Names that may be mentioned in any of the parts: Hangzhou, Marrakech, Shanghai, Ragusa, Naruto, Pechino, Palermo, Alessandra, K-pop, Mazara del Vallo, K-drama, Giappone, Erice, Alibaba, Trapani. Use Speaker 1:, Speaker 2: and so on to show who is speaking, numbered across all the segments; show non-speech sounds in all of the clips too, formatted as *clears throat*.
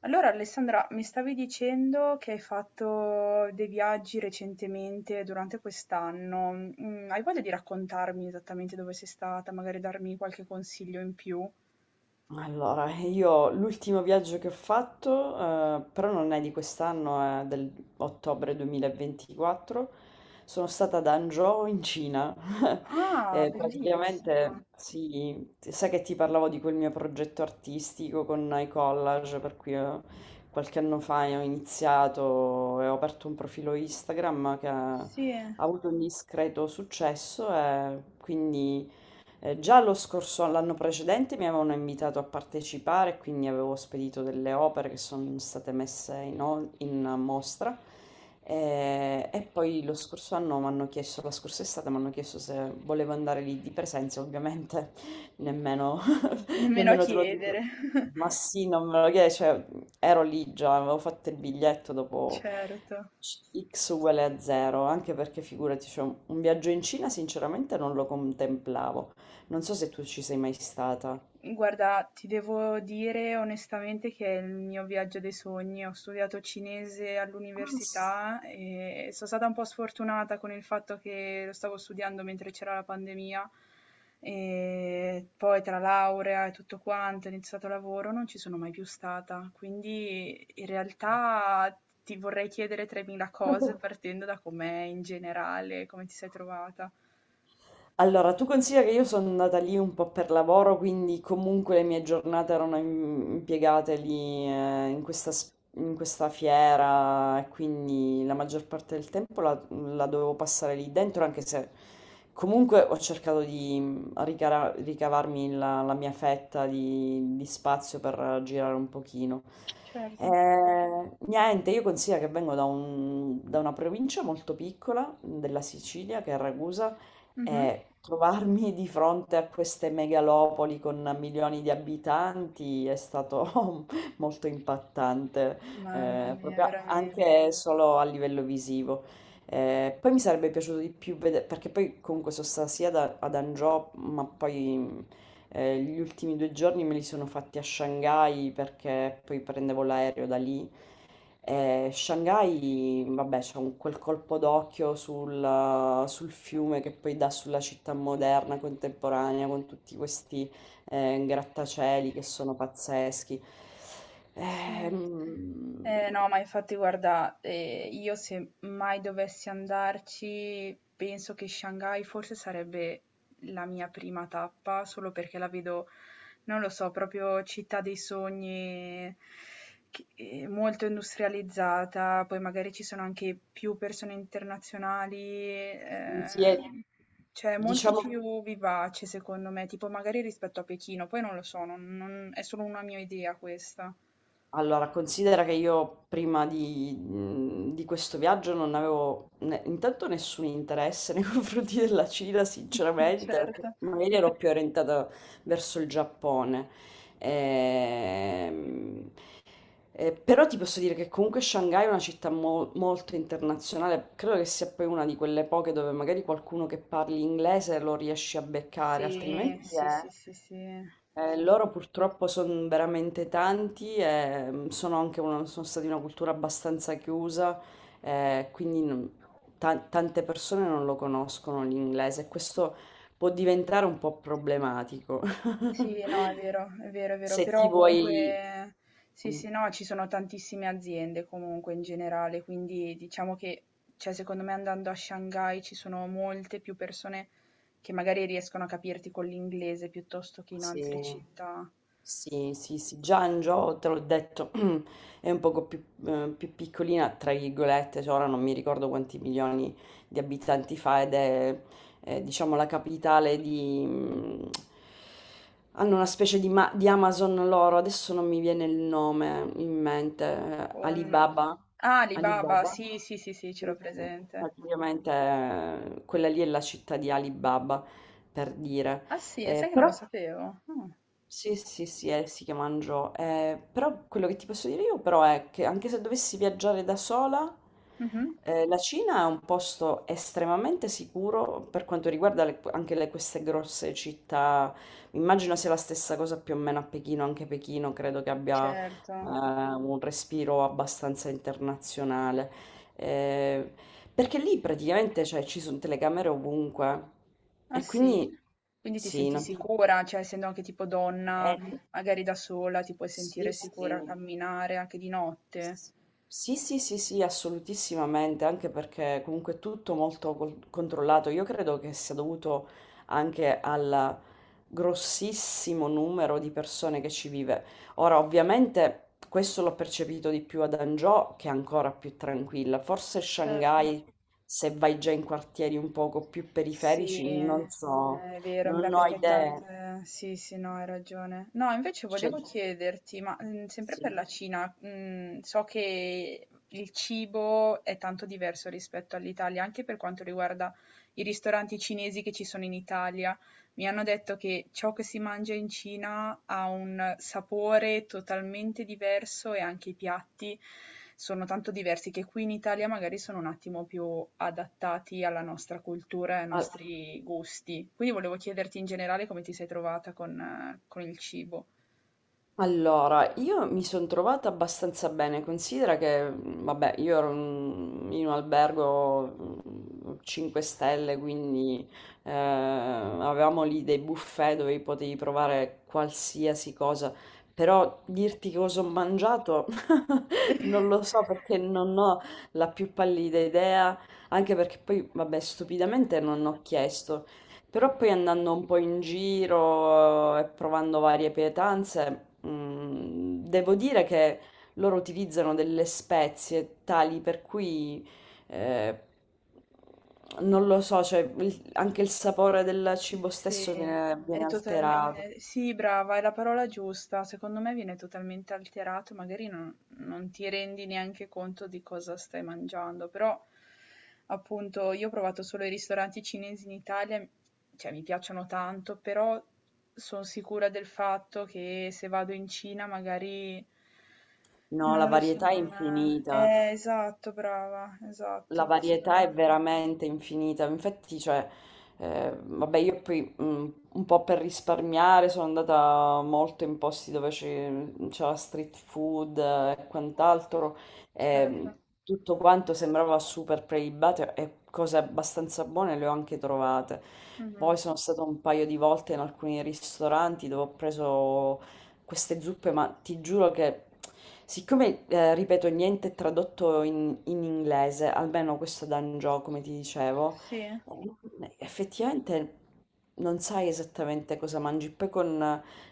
Speaker 1: Allora Alessandra, mi stavi dicendo che hai fatto dei viaggi recentemente durante quest'anno. Hai voglia di raccontarmi esattamente dove sei stata, magari darmi qualche consiglio in più?
Speaker 2: Allora, io l'ultimo viaggio che ho fatto, però non è di quest'anno, è dell'ottobre 2024, sono stata ad Hangzhou in Cina. *laughs*
Speaker 1: Ah, bellissima.
Speaker 2: Praticamente, sì, sai che ti parlavo di quel mio progetto artistico con i collage, per cui qualche anno fa ho iniziato e ho aperto un profilo Instagram che ha
Speaker 1: Sì,
Speaker 2: ha avuto un discreto successo e quindi... già lo scorso, l'anno precedente mi avevano invitato a partecipare, quindi avevo spedito delle opere che sono state messe in mostra. E poi lo scorso anno mi hanno chiesto, la scorsa estate mi hanno chiesto se volevo andare lì di presenza, ovviamente nemmeno
Speaker 1: nemmeno a
Speaker 2: nemmeno te lo dico.
Speaker 1: chiedere. *laughs*
Speaker 2: Ma sì, non me lo chiedi, cioè, ero lì già, avevo fatto il biglietto dopo
Speaker 1: Certo.
Speaker 2: X uguale a zero, anche perché figurati, cioè, un viaggio in Cina sinceramente non lo contemplavo. Non so se tu ci sei mai stata.
Speaker 1: Guarda, ti devo dire onestamente che è il mio viaggio dei sogni. Ho studiato cinese
Speaker 2: Ah,
Speaker 1: all'università e sono stata un po' sfortunata con il fatto che lo stavo studiando mentre c'era la pandemia e poi tra laurea e tutto quanto, ho iniziato lavoro, non ci sono mai più stata. Quindi in realtà ti vorrei chiedere 3.000 cose partendo da com'è in generale, come ti sei trovata.
Speaker 2: allora, tu considera che io sono andata lì un po' per lavoro, quindi comunque le mie giornate erano impiegate lì in questa, in questa fiera e quindi la maggior parte del tempo la dovevo passare lì dentro, anche se comunque ho cercato di ricavarmi la mia fetta di spazio per girare un pochino.
Speaker 1: Certo.
Speaker 2: Niente, io considero che vengo da una provincia molto piccola della Sicilia, che è Ragusa,
Speaker 1: Mhm.
Speaker 2: trovarmi di fronte a queste megalopoli con milioni di abitanti è stato *laughs* molto impattante,
Speaker 1: Mamma mia,
Speaker 2: proprio
Speaker 1: veramente.
Speaker 2: anche solo a livello visivo. Poi mi sarebbe piaciuto di più vedere, perché poi comunque sono stata ad Angio, ma poi gli ultimi due giorni me li sono fatti a Shanghai perché poi prendevo l'aereo da lì. Shanghai, vabbè, quel colpo d'occhio sul fiume che poi dà sulla città moderna, contemporanea, con tutti questi grattacieli che sono pazzeschi.
Speaker 1: Sì.
Speaker 2: Ehm,
Speaker 1: No, ma infatti guarda, io se mai dovessi andarci, penso che Shanghai forse sarebbe la mia prima tappa, solo perché la vedo, non lo so, proprio città dei sogni, molto industrializzata, poi magari ci sono anche più persone internazionali, sì,
Speaker 2: sì, è-
Speaker 1: cioè è molto
Speaker 2: diciamo.
Speaker 1: più vivace secondo me, tipo magari rispetto a Pechino, poi non lo so, è solo una mia idea questa.
Speaker 2: Allora, considera che io prima di, di questo viaggio non avevo ne intanto nessun interesse nei *laughs* confronti della Cina
Speaker 1: *laughs* Mh-mh,
Speaker 2: sinceramente,
Speaker 1: certo.
Speaker 2: perché magari ero più orientata verso il Giappone. Ehm, e però ti posso dire che comunque Shanghai è una città mo molto internazionale, credo che sia poi una di quelle poche dove magari qualcuno che parli inglese lo riesci a beccare,
Speaker 1: Sì,
Speaker 2: altrimenti
Speaker 1: sì,
Speaker 2: è
Speaker 1: sì, sì, sì. Sì, sì.
Speaker 2: loro purtroppo sono veramente tanti e sono sono stati una cultura abbastanza chiusa, eh, quindi non- tante persone non lo conoscono l'inglese e questo può diventare un po' problematico. *laughs*
Speaker 1: Sì, no, è vero, è vero, è vero,
Speaker 2: Se ti
Speaker 1: però
Speaker 2: vuoi...
Speaker 1: comunque sì,
Speaker 2: Mm,
Speaker 1: sì, no, ci sono tantissime aziende comunque in generale, quindi diciamo che, cioè secondo me andando a Shanghai ci sono molte più persone che magari riescono a capirti con l'inglese piuttosto che in altre
Speaker 2: sì.
Speaker 1: città.
Speaker 2: Sì, sì, sì, già Angio, te l'ho detto, *clears throat* è un poco più, più piccolina, tra virgolette, cioè ora non mi ricordo quanti milioni di abitanti fa ed è, diciamo, la capitale di... mm, hanno una specie di Amazon loro, adesso non mi viene il nome in mente,
Speaker 1: Con
Speaker 2: Alibaba,
Speaker 1: ah, Alibaba,
Speaker 2: Alibaba,
Speaker 1: sì, sì, sì, sì, ce
Speaker 2: sì,
Speaker 1: l'ho
Speaker 2: sì.
Speaker 1: presente.
Speaker 2: Praticamente quella lì è la città di Alibaba, per dire.
Speaker 1: Ah sì? Sai che non
Speaker 2: Però
Speaker 1: lo sapevo? Ah.
Speaker 2: sì, sì, sì, è sì che mangio. Però quello che ti posso dire io però è che anche se dovessi viaggiare da sola,
Speaker 1: Mh-mh.
Speaker 2: la Cina è un posto estremamente sicuro per quanto riguarda queste grosse città. Immagino sia la stessa cosa più o meno a Pechino, anche Pechino credo che abbia
Speaker 1: Certo.
Speaker 2: un respiro abbastanza internazionale. Eh, perché lì praticamente cioè, ci sono telecamere ovunque
Speaker 1: Ah
Speaker 2: e
Speaker 1: sì?
Speaker 2: quindi
Speaker 1: Quindi ti
Speaker 2: sì,
Speaker 1: senti
Speaker 2: non ti
Speaker 1: sicura, cioè essendo anche tipo donna,
Speaker 2: n-
Speaker 1: magari da sola ti puoi
Speaker 2: sì,
Speaker 1: sentire
Speaker 2: sì.
Speaker 1: sicura a camminare anche di notte.
Speaker 2: Sì, sì, sì, sì, assolutissimamente, anche perché comunque è tutto molto controllato. Io credo che sia dovuto anche al grossissimo numero di persone che ci vive. Ora, ovviamente, questo l'ho percepito di più ad Hangzhou, che è ancora più tranquilla. Forse
Speaker 1: Certo.
Speaker 2: Shanghai, se vai già in quartieri un poco più
Speaker 1: Sì,
Speaker 2: periferici, non so,
Speaker 1: è vero, ma
Speaker 2: non ho
Speaker 1: perché
Speaker 2: idee.
Speaker 1: tante... Sì, sì, no, hai ragione. No, invece
Speaker 2: Cioè,
Speaker 1: volevo chiederti, ma sempre
Speaker 2: sì.
Speaker 1: per la Cina, so che il cibo è tanto diverso rispetto all'Italia, anche per quanto riguarda i ristoranti cinesi che ci sono in Italia. Mi hanno detto che ciò che si mangia in Cina ha un sapore totalmente diverso e anche i piatti sono tanto diversi che qui in Italia magari sono un attimo più adattati alla nostra cultura e ai nostri gusti. Quindi volevo chiederti in generale come ti sei trovata con il cibo.
Speaker 2: Allora, io mi sono trovata abbastanza bene, considera che, vabbè, io ero in un albergo 5 stelle, quindi avevamo lì dei buffet dove potevi provare qualsiasi cosa, però dirti cosa ho mangiato *laughs* non lo so perché non ho la più pallida idea, anche perché poi, vabbè, stupidamente non ho chiesto. Però poi andando un po' in giro e provando varie pietanze, devo dire che loro utilizzano delle spezie tali per cui eh, non lo so, cioè anche il sapore del cibo
Speaker 1: Sì,
Speaker 2: stesso viene
Speaker 1: è
Speaker 2: alterato.
Speaker 1: totalmente sì, brava, è la parola giusta. Secondo me viene totalmente alterato, magari non ti rendi neanche conto di cosa stai mangiando, però appunto io ho provato solo i ristoranti cinesi in Italia, cioè mi piacciono tanto, però sono sicura del fatto che se vado in Cina magari
Speaker 2: No,
Speaker 1: non
Speaker 2: la
Speaker 1: lo so,
Speaker 2: varietà è
Speaker 1: non...
Speaker 2: infinita.
Speaker 1: Esatto, brava,
Speaker 2: La
Speaker 1: esatto, secondo
Speaker 2: varietà è
Speaker 1: me,
Speaker 2: veramente infinita. Infatti, cioè, vabbè, io poi un po' per risparmiare sono andata molto in posti c'era street food e quant'altro. E
Speaker 1: certo.
Speaker 2: tutto quanto sembrava super prelibato e cose abbastanza buone le ho anche trovate. Poi
Speaker 1: Mhm.
Speaker 2: sono stata un paio di volte in alcuni ristoranti dove ho preso queste zuppe, ma ti giuro che, siccome, ripeto, niente è tradotto in inglese, almeno questo d'Angio, come ti dicevo,
Speaker 1: Sì,
Speaker 2: effettivamente non sai esattamente cosa mangi. Poi con,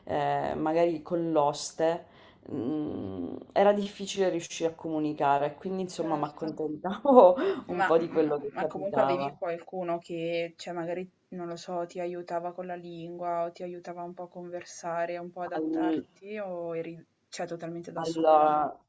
Speaker 2: eh, magari con l'oste, era difficile riuscire a comunicare, quindi insomma mi
Speaker 1: certo.
Speaker 2: accontentavo *laughs* un
Speaker 1: Ma
Speaker 2: po' di
Speaker 1: ma
Speaker 2: quello che
Speaker 1: ma comunque avevi
Speaker 2: capitava.
Speaker 1: qualcuno che, cioè magari, non lo so, ti aiutava con la lingua o ti aiutava un po' a conversare, un po' adattarti o eri, cioè, totalmente da sola?
Speaker 2: Allora,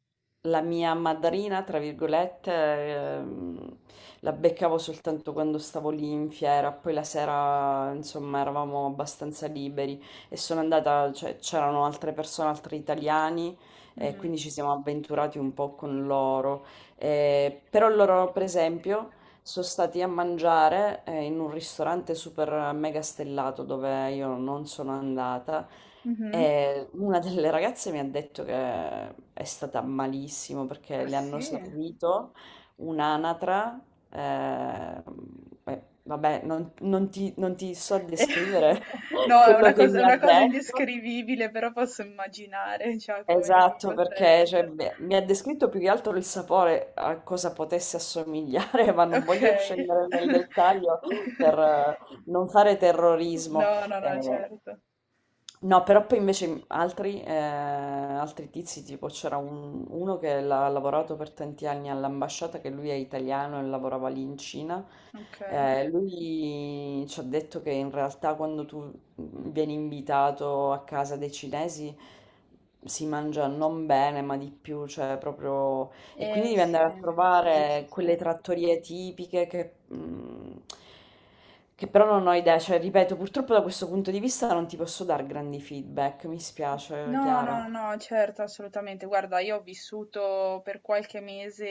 Speaker 2: la mia madrina, tra virgolette, la beccavo soltanto quando stavo lì in fiera, poi la sera, insomma, eravamo abbastanza liberi e sono andata, cioè, c'erano altre persone, altri italiani, e
Speaker 1: Mh-mh.
Speaker 2: quindi ci siamo avventurati un po' con loro. Però loro, per esempio, sono stati a mangiare in un ristorante super mega stellato dove io non sono andata
Speaker 1: Mh-mh.
Speaker 2: e una delle ragazze mi ha detto che è stata malissimo perché
Speaker 1: Ah
Speaker 2: le hanno
Speaker 1: sì?
Speaker 2: servito un'anatra. eh, Vabbè, non ti so
Speaker 1: Eh,
Speaker 2: descrivere
Speaker 1: *laughs*
Speaker 2: *laughs*
Speaker 1: no,
Speaker 2: quello che
Speaker 1: è
Speaker 2: mi ha
Speaker 1: una cosa
Speaker 2: detto.
Speaker 1: indescrivibile, però posso immaginare, cioè, come come
Speaker 2: Esatto,
Speaker 1: possa
Speaker 2: perché cioè,
Speaker 1: essere.
Speaker 2: mi ha descritto più che altro il sapore a cosa potesse assomigliare, *laughs* ma non voglio
Speaker 1: Okay.
Speaker 2: scendere nel dettaglio per
Speaker 1: *laughs*
Speaker 2: non fare terrorismo.
Speaker 1: No, no, no,
Speaker 2: Eh,
Speaker 1: certo.
Speaker 2: no, però poi invece altri, altri tizi, tipo uno che l'ha lavorato per tanti anni all'ambasciata, che lui è italiano e lavorava lì in Cina,
Speaker 1: Okay.
Speaker 2: lui ci ha detto che in realtà quando tu vieni invitato a casa dei cinesi si mangia non bene, ma di più, cioè proprio... E quindi
Speaker 1: Eh
Speaker 2: devi
Speaker 1: sì,
Speaker 2: andare a
Speaker 1: sì, sì, sì,
Speaker 2: trovare
Speaker 1: sì.
Speaker 2: quelle trattorie tipiche che... mm, che però non ho idea, cioè ripeto, purtroppo da questo punto di vista non ti posso dare grandi feedback, mi spiace,
Speaker 1: No,
Speaker 2: Chiara.
Speaker 1: no, no, certo, assolutamente. Guarda, io ho vissuto per qualche mese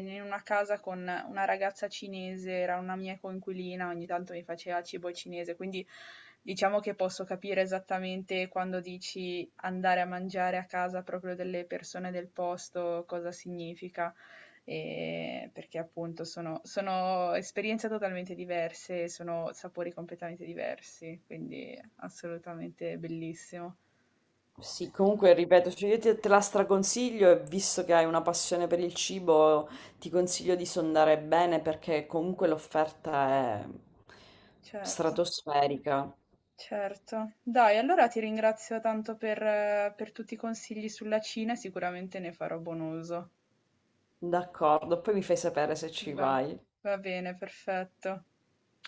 Speaker 1: in una casa con una ragazza cinese, era una mia coinquilina, ogni tanto mi faceva cibo cinese, quindi diciamo che posso capire esattamente quando dici andare a mangiare a casa proprio delle persone del posto, cosa significa, e perché appunto sono, sono esperienze totalmente diverse, sono sapori completamente diversi, quindi assolutamente bellissimo.
Speaker 2: Sì, comunque ripeto, cioè te la straconsiglio e visto che hai una passione per il cibo, ti consiglio di sondare bene perché comunque l'offerta è
Speaker 1: Certo,
Speaker 2: stratosferica.
Speaker 1: certo. Dai, allora ti ringrazio tanto per tutti i consigli sulla Cina e sicuramente ne farò buon uso.
Speaker 2: D'accordo, poi mi fai sapere se ci
Speaker 1: Va,
Speaker 2: vai.
Speaker 1: va bene, perfetto.